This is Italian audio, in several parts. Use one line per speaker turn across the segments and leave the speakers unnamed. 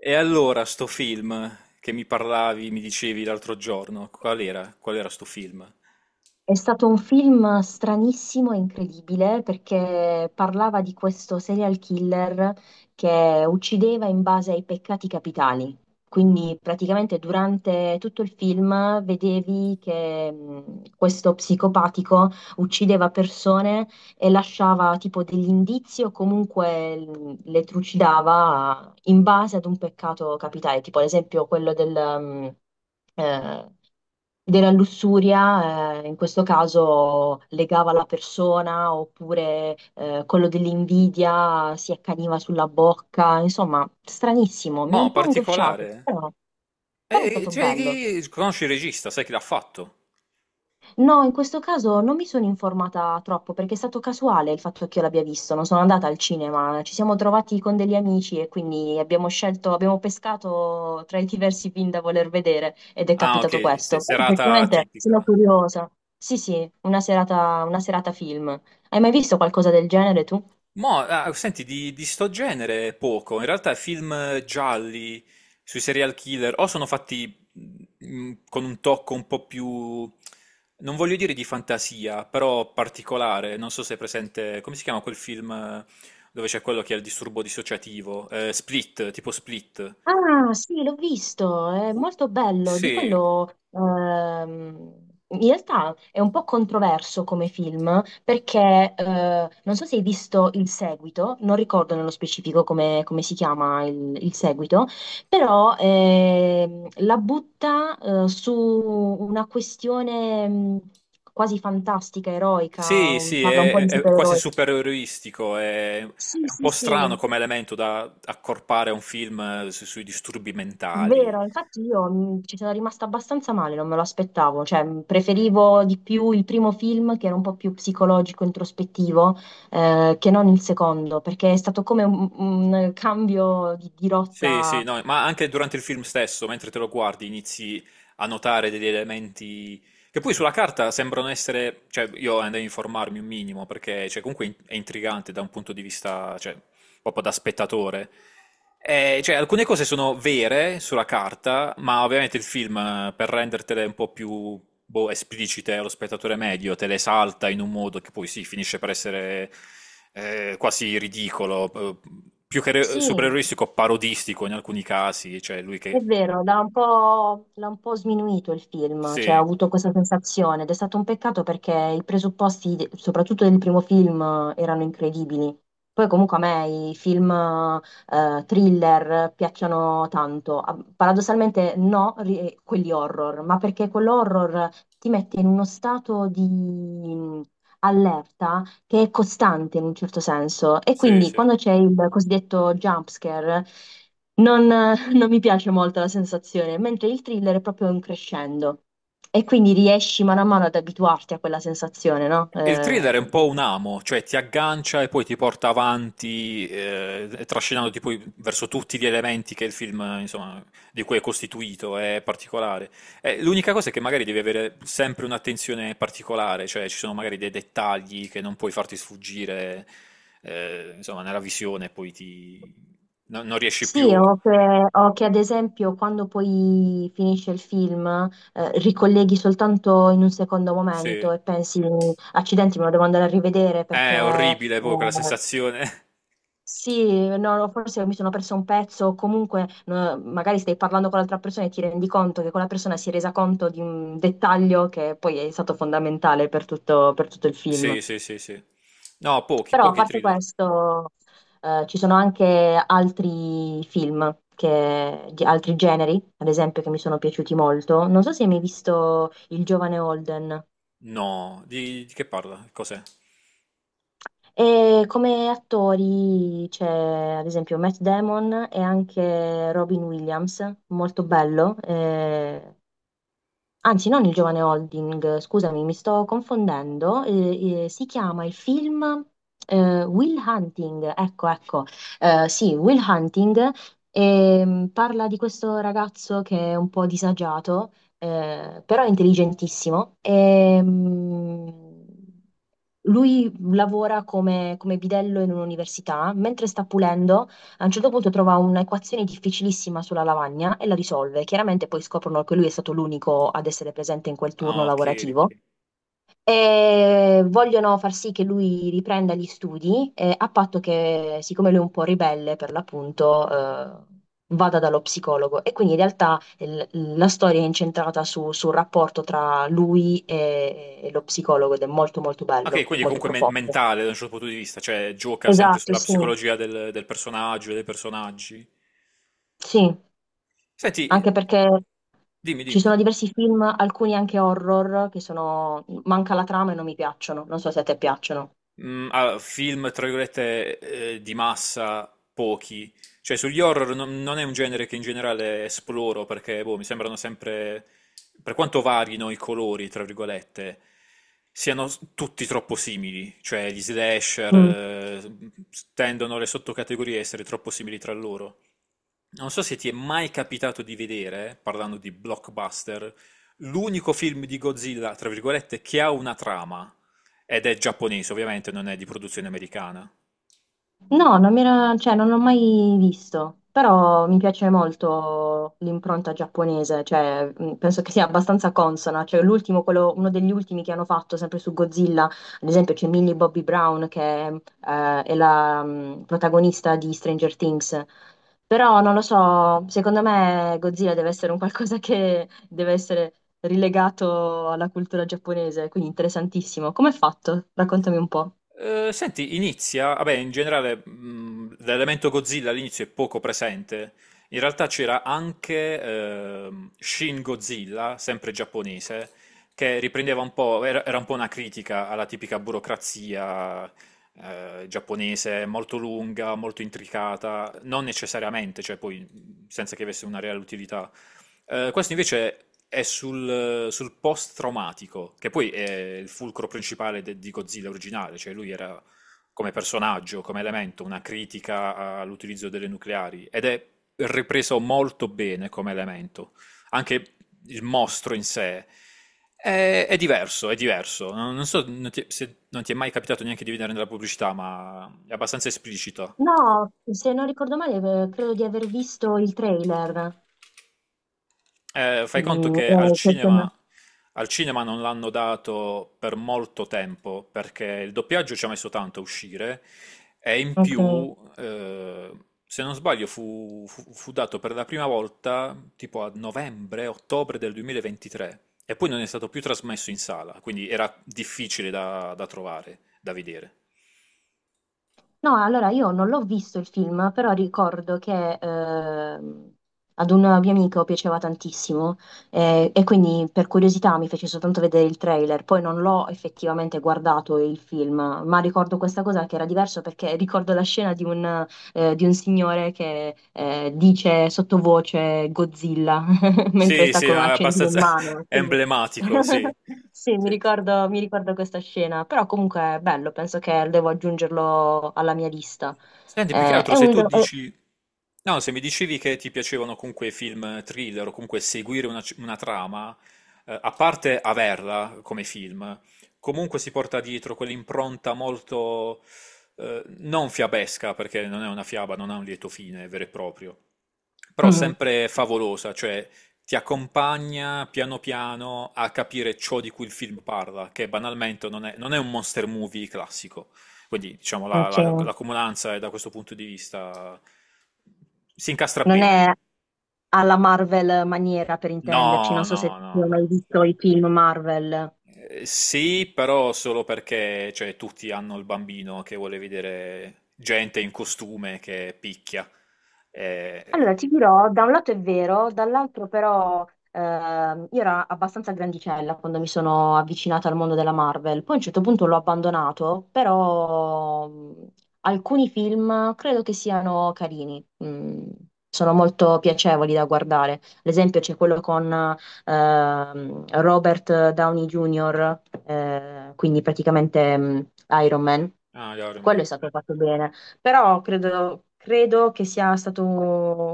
E allora sto film che mi parlavi, mi dicevi l'altro giorno, qual era? Qual era sto film?
È stato un film stranissimo e incredibile perché parlava di questo serial killer che uccideva in base ai peccati capitali. Quindi praticamente durante tutto il film vedevi che questo psicopatico uccideva persone e lasciava tipo degli indizi o comunque le trucidava in base ad un peccato capitale, tipo ad esempio quello mh, eh, della lussuria, in questo caso legava la persona, oppure quello dell'invidia si accaniva sulla bocca, insomma, stranissimo, mi ha un
Mo,
po' angosciato,
particolare.
però è stato
Cioè,
bello.
conosci il regista, sai chi l'ha fatto?
No, in questo caso non mi sono informata troppo perché è stato casuale il fatto che io l'abbia visto, non sono andata al cinema, ci siamo trovati con degli amici e quindi abbiamo scelto, abbiamo pescato tra i diversi film da voler vedere ed è
Ah,
capitato
ok,
questo. Però
serata
effettivamente sono
tipica.
curiosa. Sì, sì, una serata film. Hai mai visto qualcosa del genere tu?
Mo, ah, senti, di sto genere poco. In realtà film gialli sui serial killer o sono fatti mm, con un tocco un po' più, non voglio dire di fantasia, però particolare. Non so se è presente, come si chiama quel film dove c'è quello che ha il disturbo dissociativo? Split, tipo Split.
Ah, sì, l'ho visto, è
Qu-
molto bello. Di
Sì,
quello, in realtà è un po' controverso come film, perché non so se hai visto il seguito, non ricordo nello specifico come si chiama il seguito, però la butta su una questione quasi fantastica, eroica,
sì, sì,
parla un po'
è,
di
è quasi
supereroi.
supereroistico.
Sì,
È un
sì,
po'
sì,
strano come elemento da accorpare a un film sui disturbi mentali.
vero, infatti io ci sono rimasta abbastanza male, non me lo aspettavo, cioè preferivo di più il primo film che era un po' più psicologico, introspettivo, che non il secondo, perché è stato come un cambio di
Sì, sì,
rotta.
no, ma anche durante il film stesso, mentre te lo guardi, inizi a notare degli elementi che poi sulla carta sembrano essere, cioè io andai a informarmi un minimo perché cioè, comunque è intrigante da un punto di vista, cioè, proprio da spettatore. Cioè, alcune cose sono vere sulla carta, ma ovviamente il film, per rendertele un po' più boh, esplicite allo spettatore medio, te le salta in un modo che poi sì, finisce per essere quasi ridicolo, più che
Sì,
supereroistico, parodistico in alcuni casi. Cioè, lui
è
che...
vero, l'ha un po' sminuito il film, cioè ho
Sì,
avuto questa sensazione ed è stato un peccato perché i presupposti, soprattutto del primo film, erano incredibili. Poi comunque a me i film thriller piacciono tanto. Ah, paradossalmente no, quelli horror, ma perché quell'horror ti mette in uno stato di allerta che è costante in un certo senso. E
sì,
quindi
sì.
quando c'è il cosiddetto jump scare, non, non mi piace molto la sensazione, mentre il thriller è proprio un crescendo. E quindi riesci mano a mano ad abituarti a quella sensazione, no?
E il thriller è un po' un amo, cioè ti aggancia e poi ti porta avanti, trascinandoti poi verso tutti gli elementi che il film, insomma, di cui è costituito, è particolare. L'unica cosa è che magari devi avere sempre un'attenzione particolare, cioè ci sono magari dei dettagli che non puoi farti sfuggire, insomma, nella visione, poi ti... no- non riesci
Sì,
più.
o che ad esempio quando poi finisce il film, ricolleghi soltanto in un secondo
Sì.
momento e pensi, accidenti, me lo devo andare a rivedere perché.
È orribile poi quella sensazione.
Sì, no, no, forse mi sono perso un pezzo, o comunque no, magari stai parlando con l'altra persona e ti rendi conto che quella persona si è resa conto di un dettaglio che poi è stato fondamentale per tutto il
Sì,
film.
sì, sì, sì. No, pochi,
Però a
pochi
parte
thriller.
questo, ci sono anche altri film, di altri generi, ad esempio, che mi sono piaciuti molto. Non so se hai mai visto Il giovane Holden.
No, di che parla? Cos'è?
E come attori c'è ad esempio Matt Damon e anche Robin Williams, molto bello. Anzi, non il giovane Holding, scusami, mi sto confondendo. Si chiama il film Will Hunting, ecco, ecco. Sì, Will Hunting parla di questo ragazzo che è un po' disagiato, però è intelligentissimo. Lui lavora come bidello in un'università, mentre sta pulendo a un certo punto trova un'equazione difficilissima sulla lavagna e la risolve. Chiaramente poi scoprono che lui è stato l'unico ad essere presente in quel turno
Ah, ok.
lavorativo
Ok.
e vogliono far sì che lui riprenda gli studi, a patto che, siccome lui è un po' ribelle per l'appunto, eh, vada dallo psicologo. E quindi in realtà la storia è incentrata sul rapporto tra lui e lo psicologo ed è molto molto
Ok,
bello,
quindi è
molto
comunque
profondo.
mentale da un certo punto di vista, cioè gioca sempre
Esatto,
sulla
sì.
psicologia del personaggio e dei personaggi.
Sì,
Senti,
anche perché
dimmi,
ci
dimmi.
sono diversi film, alcuni anche horror, manca la trama e non mi piacciono. Non so se a te piacciono.
Mm, allora, film, tra virgolette, di massa, pochi. Cioè, sugli horror non è un genere che in generale esploro perché, boh, mi sembrano sempre, per quanto varino i colori, tra virgolette, siano tutti troppo simili. Cioè, gli slasher, tendono le sottocategorie a essere troppo simili tra loro. Non so se ti è mai capitato di vedere, parlando di blockbuster, l'unico film di Godzilla, tra virgolette, che ha una trama ed è giapponese, ovviamente non è di produzione americana.
No, non cioè, non l'ho mai visto, però mi piace molto l'impronta giapponese, cioè, penso che sia abbastanza consona, cioè, l'ultimo, uno degli ultimi che hanno fatto sempre su Godzilla, ad esempio c'è Millie Bobby Brown che è la protagonista di Stranger Things, però non lo so, secondo me Godzilla deve essere un qualcosa che deve essere rilegato alla cultura giapponese, quindi interessantissimo. Come è fatto? Raccontami un po'.
Senti, inizia, vabbè, in generale l'elemento Godzilla all'inizio è poco presente. In realtà c'era anche Shin Godzilla, sempre giapponese, che riprendeva un po', era un po' una critica alla tipica burocrazia giapponese, molto lunga, molto intricata, non necessariamente, cioè poi senza che avesse una reale utilità. Questo invece è sul post-traumatico, che poi è il fulcro principale di Godzilla originale, cioè lui era come personaggio, come elemento, una critica all'utilizzo delle nucleari ed è ripreso molto bene come elemento. Anche il mostro in sé è diverso, è diverso. Non so non ti- se non ti è mai capitato neanche di vedere nella pubblicità, ma è abbastanza esplicito.
No, se non ricordo male, credo di aver visto il trailer.
Fai conto
Mm,
che al
eh, che sembra-
cinema, al cinema non l'hanno dato per molto tempo, perché il doppiaggio ci ha messo tanto a uscire, e in
ok.
più, se non sbaglio, fu dato per la prima volta tipo a novembre, ottobre del 2023, e poi non è stato più trasmesso in sala, quindi era difficile da trovare, da vedere.
No, allora io non l'ho visto il film, però ricordo che ad un mio amico piaceva tantissimo e quindi per curiosità mi fece soltanto vedere il trailer, poi non l'ho effettivamente guardato il film, ma ricordo questa cosa che era diverso perché ricordo la scena di un signore che dice sottovoce Godzilla mentre
Sì,
sta
sì, è
con un accendino in
abbastanza
mano.
emblematico, sì.
Sì, mi
Sì.
ricordo, mi ricordo questa scena, però comunque è bello, penso che devo aggiungerlo alla mia lista.
Senti, più che altro
È
se
un...
tu
è-
dici... No, se mi dicevi che ti piacevano comunque i film thriller o comunque seguire una trama, a parte averla come film, comunque si porta dietro quell'impronta molto... non fiabesca, perché non è una fiaba, non ha un lieto fine vero e proprio, però
mm,
sempre favolosa, cioè ti accompagna piano piano a capire ciò di cui il film parla, che banalmente non è un monster movie classico. Quindi diciamo la, la,
Ok.
la comunanza è da questo punto di vista si incastra
Non
bene.
è alla Marvel maniera, per intenderci, non
No,
so se
no,
tu
no,
hai
no.
mai visto i film Marvel.
Sì, però solo perché cioè, tutti hanno il bambino che vuole vedere gente in costume che picchia. Eh,
Allora, ti dirò, da un lato è vero, dall'altro però io ero abbastanza grandicella quando mi sono avvicinata al mondo della Marvel, poi a un certo punto l'ho abbandonato, però alcuni film credo che siano carini, sono molto piacevoli da guardare. Ad esempio c'è quello con Robert Downey Jr., quindi praticamente Iron Man,
Ah, gli Iron
quello
Man.
è stato fatto bene, però credo che sia stato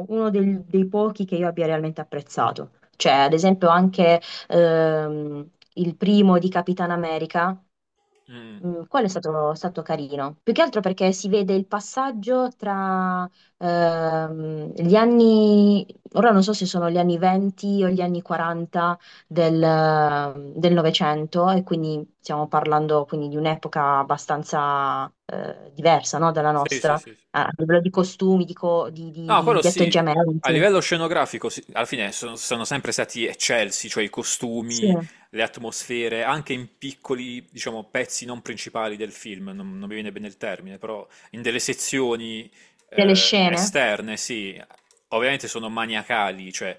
uno dei pochi che io abbia realmente apprezzato. Cioè, ad esempio, anche ehm, il primo di Capitan America.
Mm.
Quello è stato carino, più che altro perché si vede il passaggio tra gli anni, ora non so se sono gli anni 20 o gli anni 40 del Novecento e quindi stiamo parlando quindi di un'epoca abbastanza diversa no, dalla
Sì,
nostra,
sì, sì. Sì.
a livello di costumi, di, co-
No, quello
di
sì. A
atteggiamenti,
livello scenografico, sì, alla fine sono sempre stati eccelsi, cioè i
sì.
costumi, le atmosfere, anche in piccoli, diciamo, pezzi non principali del film, non mi viene bene il termine, però in delle sezioni
Delle scene,
esterne, sì, ovviamente sono maniacali, cioè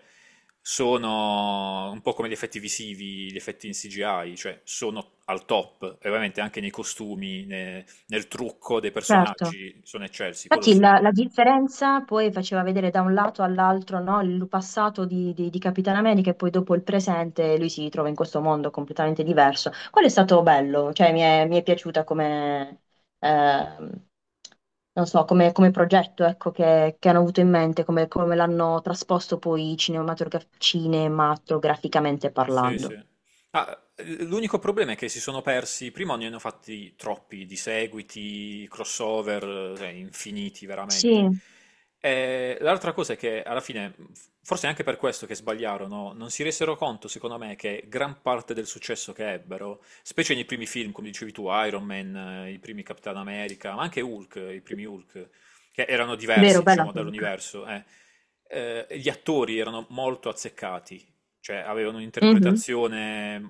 sono un po' come gli effetti visivi, gli effetti in CGI, cioè sono al top, e ovviamente anche nei costumi, nel trucco dei
certo.
personaggi sono eccelsi, quello
Infatti
sì.
la differenza poi faceva vedere da un lato all'altro, no, il passato di Capitan America e poi dopo il presente, lui si trova in questo mondo completamente diverso. Quello è stato bello, cioè mi è piaciuta come, ehm, non so, come progetto, ecco, che hanno avuto in mente, come l'hanno trasposto poi cinematograficamente
Sì,
parlando.
sì. Ah, l'unico problema è che si sono persi, prima ne hanno fatti troppi di seguiti, crossover, cioè, infiniti veramente.
Sì,
E l'altra cosa è che alla fine, forse è anche per questo che sbagliarono, non si resero conto, secondo me, che gran parte del successo che ebbero, specie nei primi film, come dicevi tu, Iron Man, i primi Capitan America, ma anche Hulk, i primi Hulk, che erano
vero,
diversi,
bella
diciamo,
cosa.
dall'universo, gli attori erano molto azzeccati. Cioè, avevano
Mhm,
un'interpretazione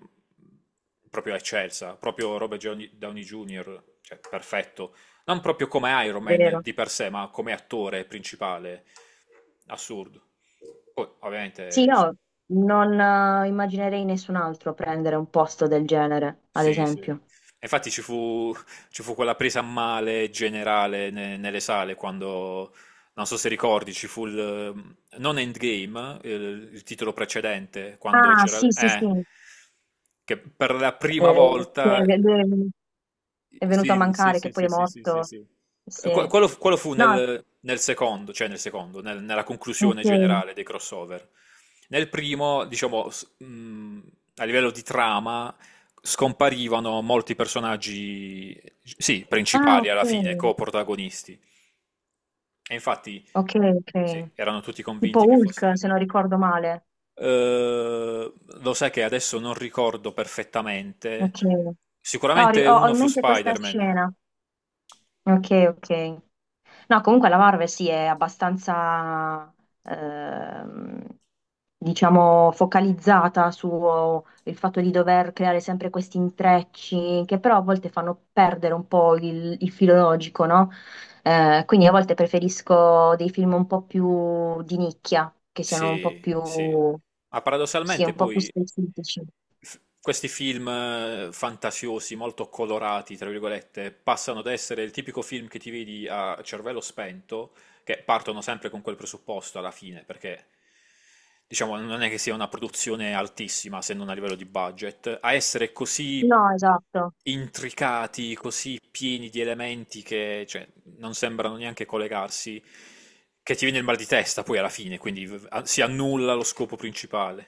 proprio eccelsa, proprio Robert Downey Jr., cioè, perfetto. Non proprio come Iron Man
vero.
di per sé, ma come attore principale, assurdo. Poi,
Sì,
ovviamente,
io non immaginerei nessun altro prendere un posto del genere, ad
sì, sì.
esempio.
Infatti ci fu quella presa a male generale nelle sale quando, non so se ricordi, ci fu il, non Endgame, il titolo precedente, quando
Ah,
c'era...
sì, sì, sì.
Che per la prima
Che
volta
è lui è venuto a
sì, sì,
mancare, che
sì,
poi
sì,
è
sì, sì, sì,
morto.
sì.
Sì.
Quello fu
No,
nel secondo, cioè nel secondo, nella conclusione
ok.
generale dei crossover. Nel primo, diciamo, a livello di trama, scomparivano molti personaggi, sì,
Ah,
principali
ok.
alla fine, co-protagonisti. E infatti,
Ok, ok.
sì, erano tutti
Tipo
convinti che
Hulk,
fossero...
se non ricordo male.
Eh, lo sai che adesso non ricordo perfettamente.
Ok. No,
Sicuramente
ho
uno
in
fu
mente questa
Spider-Man.
scena. Ok, ok. No, comunque la Marvel sì, è abbastanza, ehm, diciamo, focalizzata sul fatto di dover creare sempre questi intrecci che però a volte fanno perdere un po' il filo logico, no? Quindi a volte preferisco dei film un po' più di nicchia, che siano un po'
Sì,
più,
sì. Ma
sì,
paradossalmente
un po' più
poi
specifici.
questi film fantasiosi, molto colorati, tra virgolette, passano da essere il tipico film che ti vedi a cervello spento, che partono sempre con quel presupposto alla fine, perché diciamo non è che sia una produzione altissima se non a livello di budget, a essere così
No, esatto.
intricati, così pieni di elementi che cioè, non sembrano neanche collegarsi, che ti viene il mal di testa poi alla fine, quindi si annulla lo scopo principale.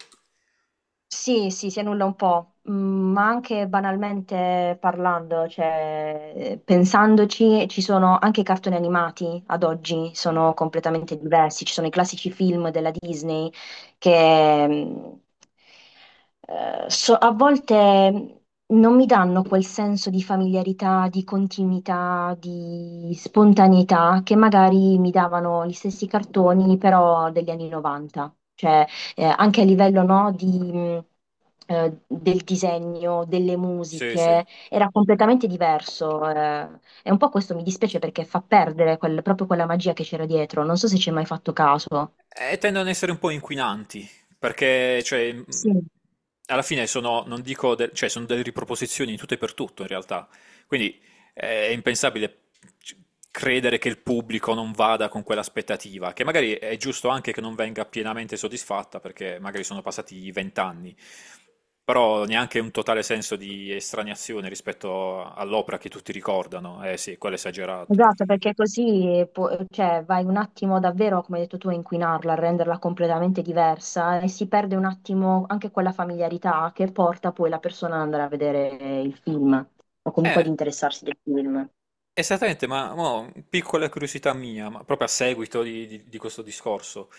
Sì, sì, si annulla un po', ma anche banalmente parlando, cioè, pensandoci, ci sono anche i cartoni animati ad oggi,
Mm.
sono completamente diversi, ci sono i classici film della Disney che mm, a volte non mi danno quel senso di familiarità, di continuità, di spontaneità che magari mi davano gli stessi cartoni però degli anni 90. Cioè, anche a livello, no, del disegno, delle
Sì, sì.
musiche, era completamente diverso. E un po' questo mi dispiace perché fa perdere proprio quella magia che c'era dietro. Non so se ci hai mai fatto caso.
E tendono ad essere un po' inquinanti, perché, cioè,
Sì,
alla fine sono, non dico, cioè, sono delle riproposizioni in tutto e per tutto, in realtà. Quindi è impensabile c- credere che il pubblico non vada con quell'aspettativa, che magari è giusto anche che non venga pienamente soddisfatta, perché magari sono passati 20 anni, però neanche un totale senso di estraniazione rispetto all'opera che tutti ricordano. Eh sì, quello è esagerato.
esatto, perché così cioè, vai un attimo davvero, come hai detto tu, a inquinarla, a renderla completamente diversa e si perde un attimo anche quella familiarità che porta poi la persona ad andare a vedere il film o comunque ad
Eh,
interessarsi del film.
Esattamente, ma mo, piccola curiosità mia, ma proprio a seguito di, di questo discorso,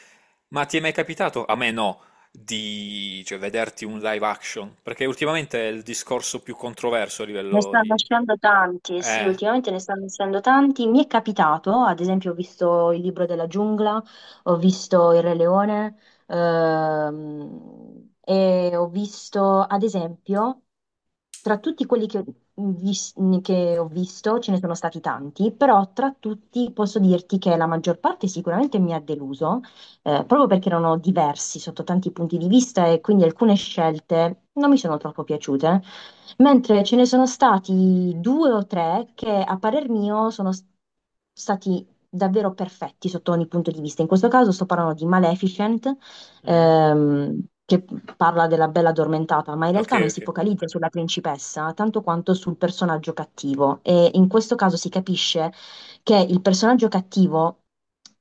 ma ti è mai capitato, a me no, di cioè, vederti un live action? Perché ultimamente è il discorso più controverso a
Ne
livello
stanno
di...
uscendo tanti, eh sì,
Eh?
ultimamente ne stanno uscendo tanti. Mi è capitato, ad esempio, ho visto il libro della giungla, ho visto il Re Leone, e ho visto, ad esempio, tra tutti quelli vis- che ho visto, ce ne sono stati tanti, però tra tutti posso dirti che la maggior parte sicuramente mi ha deluso, proprio perché erano diversi sotto tanti punti di vista e quindi alcune scelte non mi sono troppo piaciute, mentre ce ne sono stati due o tre che a parer mio sono stati davvero perfetti sotto ogni punto di vista. In questo caso sto parlando di Maleficent
Mm?
ehm, che parla della bella addormentata, ma in
Ok,
realtà non si
ok.
focalizza sulla principessa tanto quanto sul personaggio cattivo. E in questo caso si capisce che il personaggio cattivo,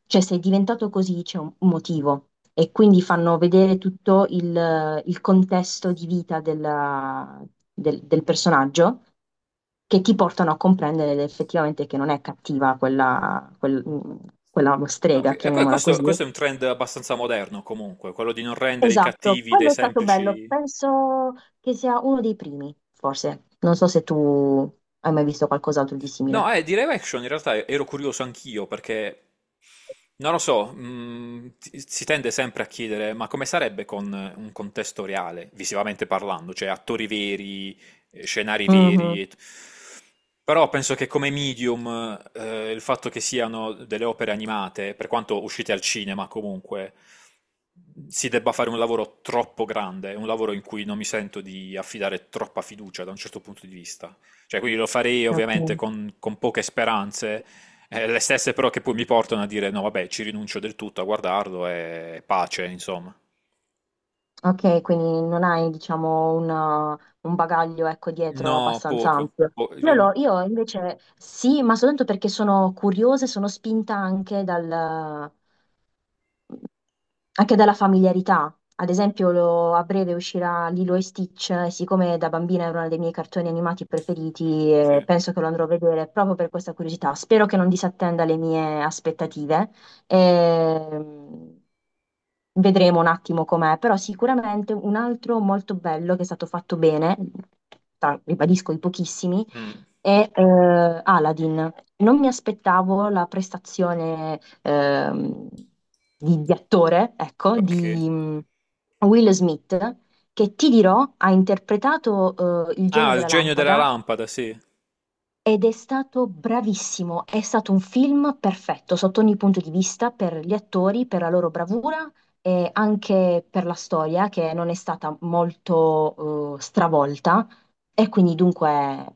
cioè se è diventato così c'è un motivo. E quindi fanno vedere tutto il contesto di vita del personaggio che ti portano a comprendere effettivamente che non è cattiva quella
Ok,
strega,
e que-
chiamiamola
questo,
così.
questo è un trend abbastanza moderno comunque, quello di non rendere i
Esatto,
cattivi dei
quello è stato bello,
semplici...
penso che sia uno dei primi, forse. Non so se tu hai mai visto qualcos'altro di
No,
simile.
eh, di live action in realtà ero curioso anch'io perché, non lo so, si tende sempre a chiedere, ma come sarebbe con un contesto reale, visivamente parlando, cioè attori veri, scenari
Mhm,
veri. Però penso che come medium, il fatto che siano delle opere animate, per quanto uscite al cinema comunque, si debba fare un lavoro troppo grande, un lavoro in cui non mi sento di affidare troppa fiducia da un certo punto di vista. Cioè, quindi lo farei
ok,
ovviamente con, poche speranze, le stesse però che poi mi portano a dire no, vabbè, ci rinuncio del tutto a guardarlo e pace, insomma.
ok, quindi non hai, diciamo, un bagaglio, ecco, dietro
No,
abbastanza
poco.
ampio.
Po-
Io,
eh,
l'ho- io invece sì, ma soltanto perché sono curiosa e sono spinta anche anche dalla familiarità. Ad esempio, a breve uscirà Lilo e Stitch, e siccome da bambina era uno dei miei cartoni animati preferiti,
sì.
penso che lo andrò a vedere proprio per questa curiosità. Spero che non disattenda le mie aspettative. Ehm, Vedremo un attimo com'è, però sicuramente un altro molto bello che è stato fatto bene, ribadisco i pochissimi,
Mm,
è Aladdin. Non mi aspettavo la prestazione di attore, ecco,
ok.
di Will Smith, che ti dirò ha interpretato il genio
Ah, il
della
genio della
lampada
lampada, sì.
ed è stato bravissimo. È stato un film perfetto sotto ogni punto di vista per gli attori, per la loro bravura. E anche per la storia che non è stata molto stravolta, e quindi dunque.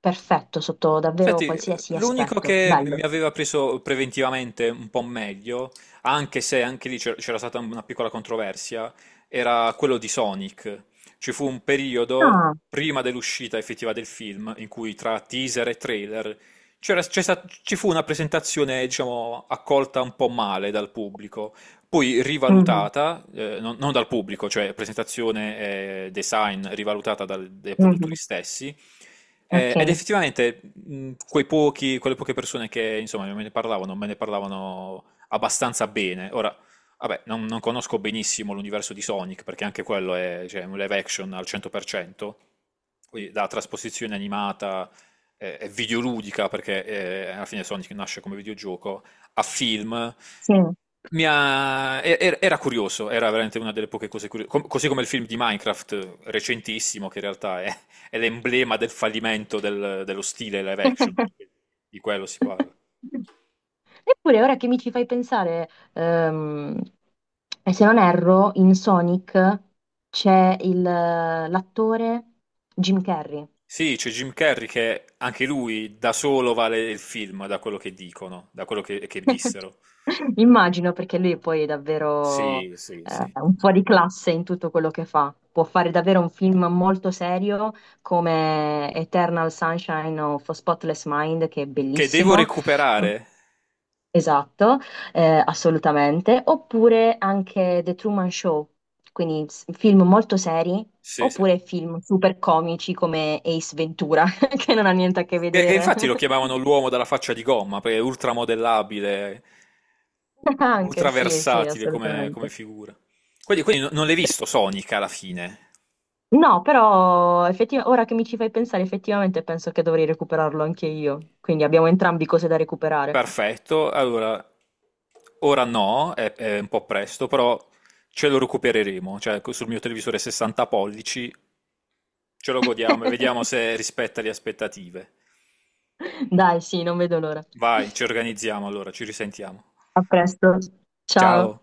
Perfetto, sotto davvero
Senti,
qualsiasi
l'unico
aspetto.
che mi
Bello.
aveva preso preventivamente un po' meglio, anche se anche lì c'era stata una piccola controversia, era quello di Sonic. Ci fu un periodo
Ah,
prima dell'uscita effettiva del film in cui tra teaser e trailer ci fu una presentazione, diciamo, accolta un po' male dal pubblico, poi
mhm,
rivalutata, non dal pubblico, cioè presentazione e design rivalutata dai produttori
mhm,
stessi. Ed
ok,
effettivamente quei pochi, quelle poche persone che insomma me ne parlavano abbastanza bene. Ora, vabbè, non conosco benissimo l'universo di Sonic, perché anche quello è cioè, un live action al 100%, quindi da trasposizione animata e videoludica, perché alla fine Sonic nasce come videogioco a film,
sì.
mi ha- e- era curioso, era veramente una delle poche cose curiose, così come il film di Minecraft recentissimo, che in realtà è l'emblema del fallimento dello stile live action, perché di quello si parla.
Eppure, ora che mi ci fai pensare, e se non erro, in Sonic c'è l'attore Jim Carrey.
Sì, c'è Jim Carrey che anche lui da solo vale il film, da quello che dicono, da quello che dissero.
Immagino perché lui poi è davvero
Sì, sì, sì.
un fuori classe in tutto quello che fa. Può fare davvero un film molto serio come Eternal Sunshine of a Spotless Mind, che è
Che devo
bellissimo.
recuperare.
Esatto, assolutamente. Oppure anche The Truman Show, quindi film molto seri,
Sì, sì.
oppure film super comici come Ace Ventura, che non ha niente a che
Che
vedere.
infatti lo chiamavano l'uomo dalla faccia di gomma, perché è ultramodellabile,
Anche sì, sì,
ultraversatile come
assolutamente.
figura. Quindi non l'hai visto Sonic alla fine.
No, però ora che mi ci fai pensare, effettivamente penso che dovrei recuperarlo anche io. Quindi abbiamo entrambi cose da recuperare.
Perfetto, allora, ora no, è un po' presto, però ce lo recupereremo, cioè sul mio televisore 60 pollici ce lo godiamo e vediamo se rispetta le aspettative.
Dai, sì, non vedo l'ora.
Vai, ci organizziamo allora, ci risentiamo.
A presto. Ciao.
Ciao.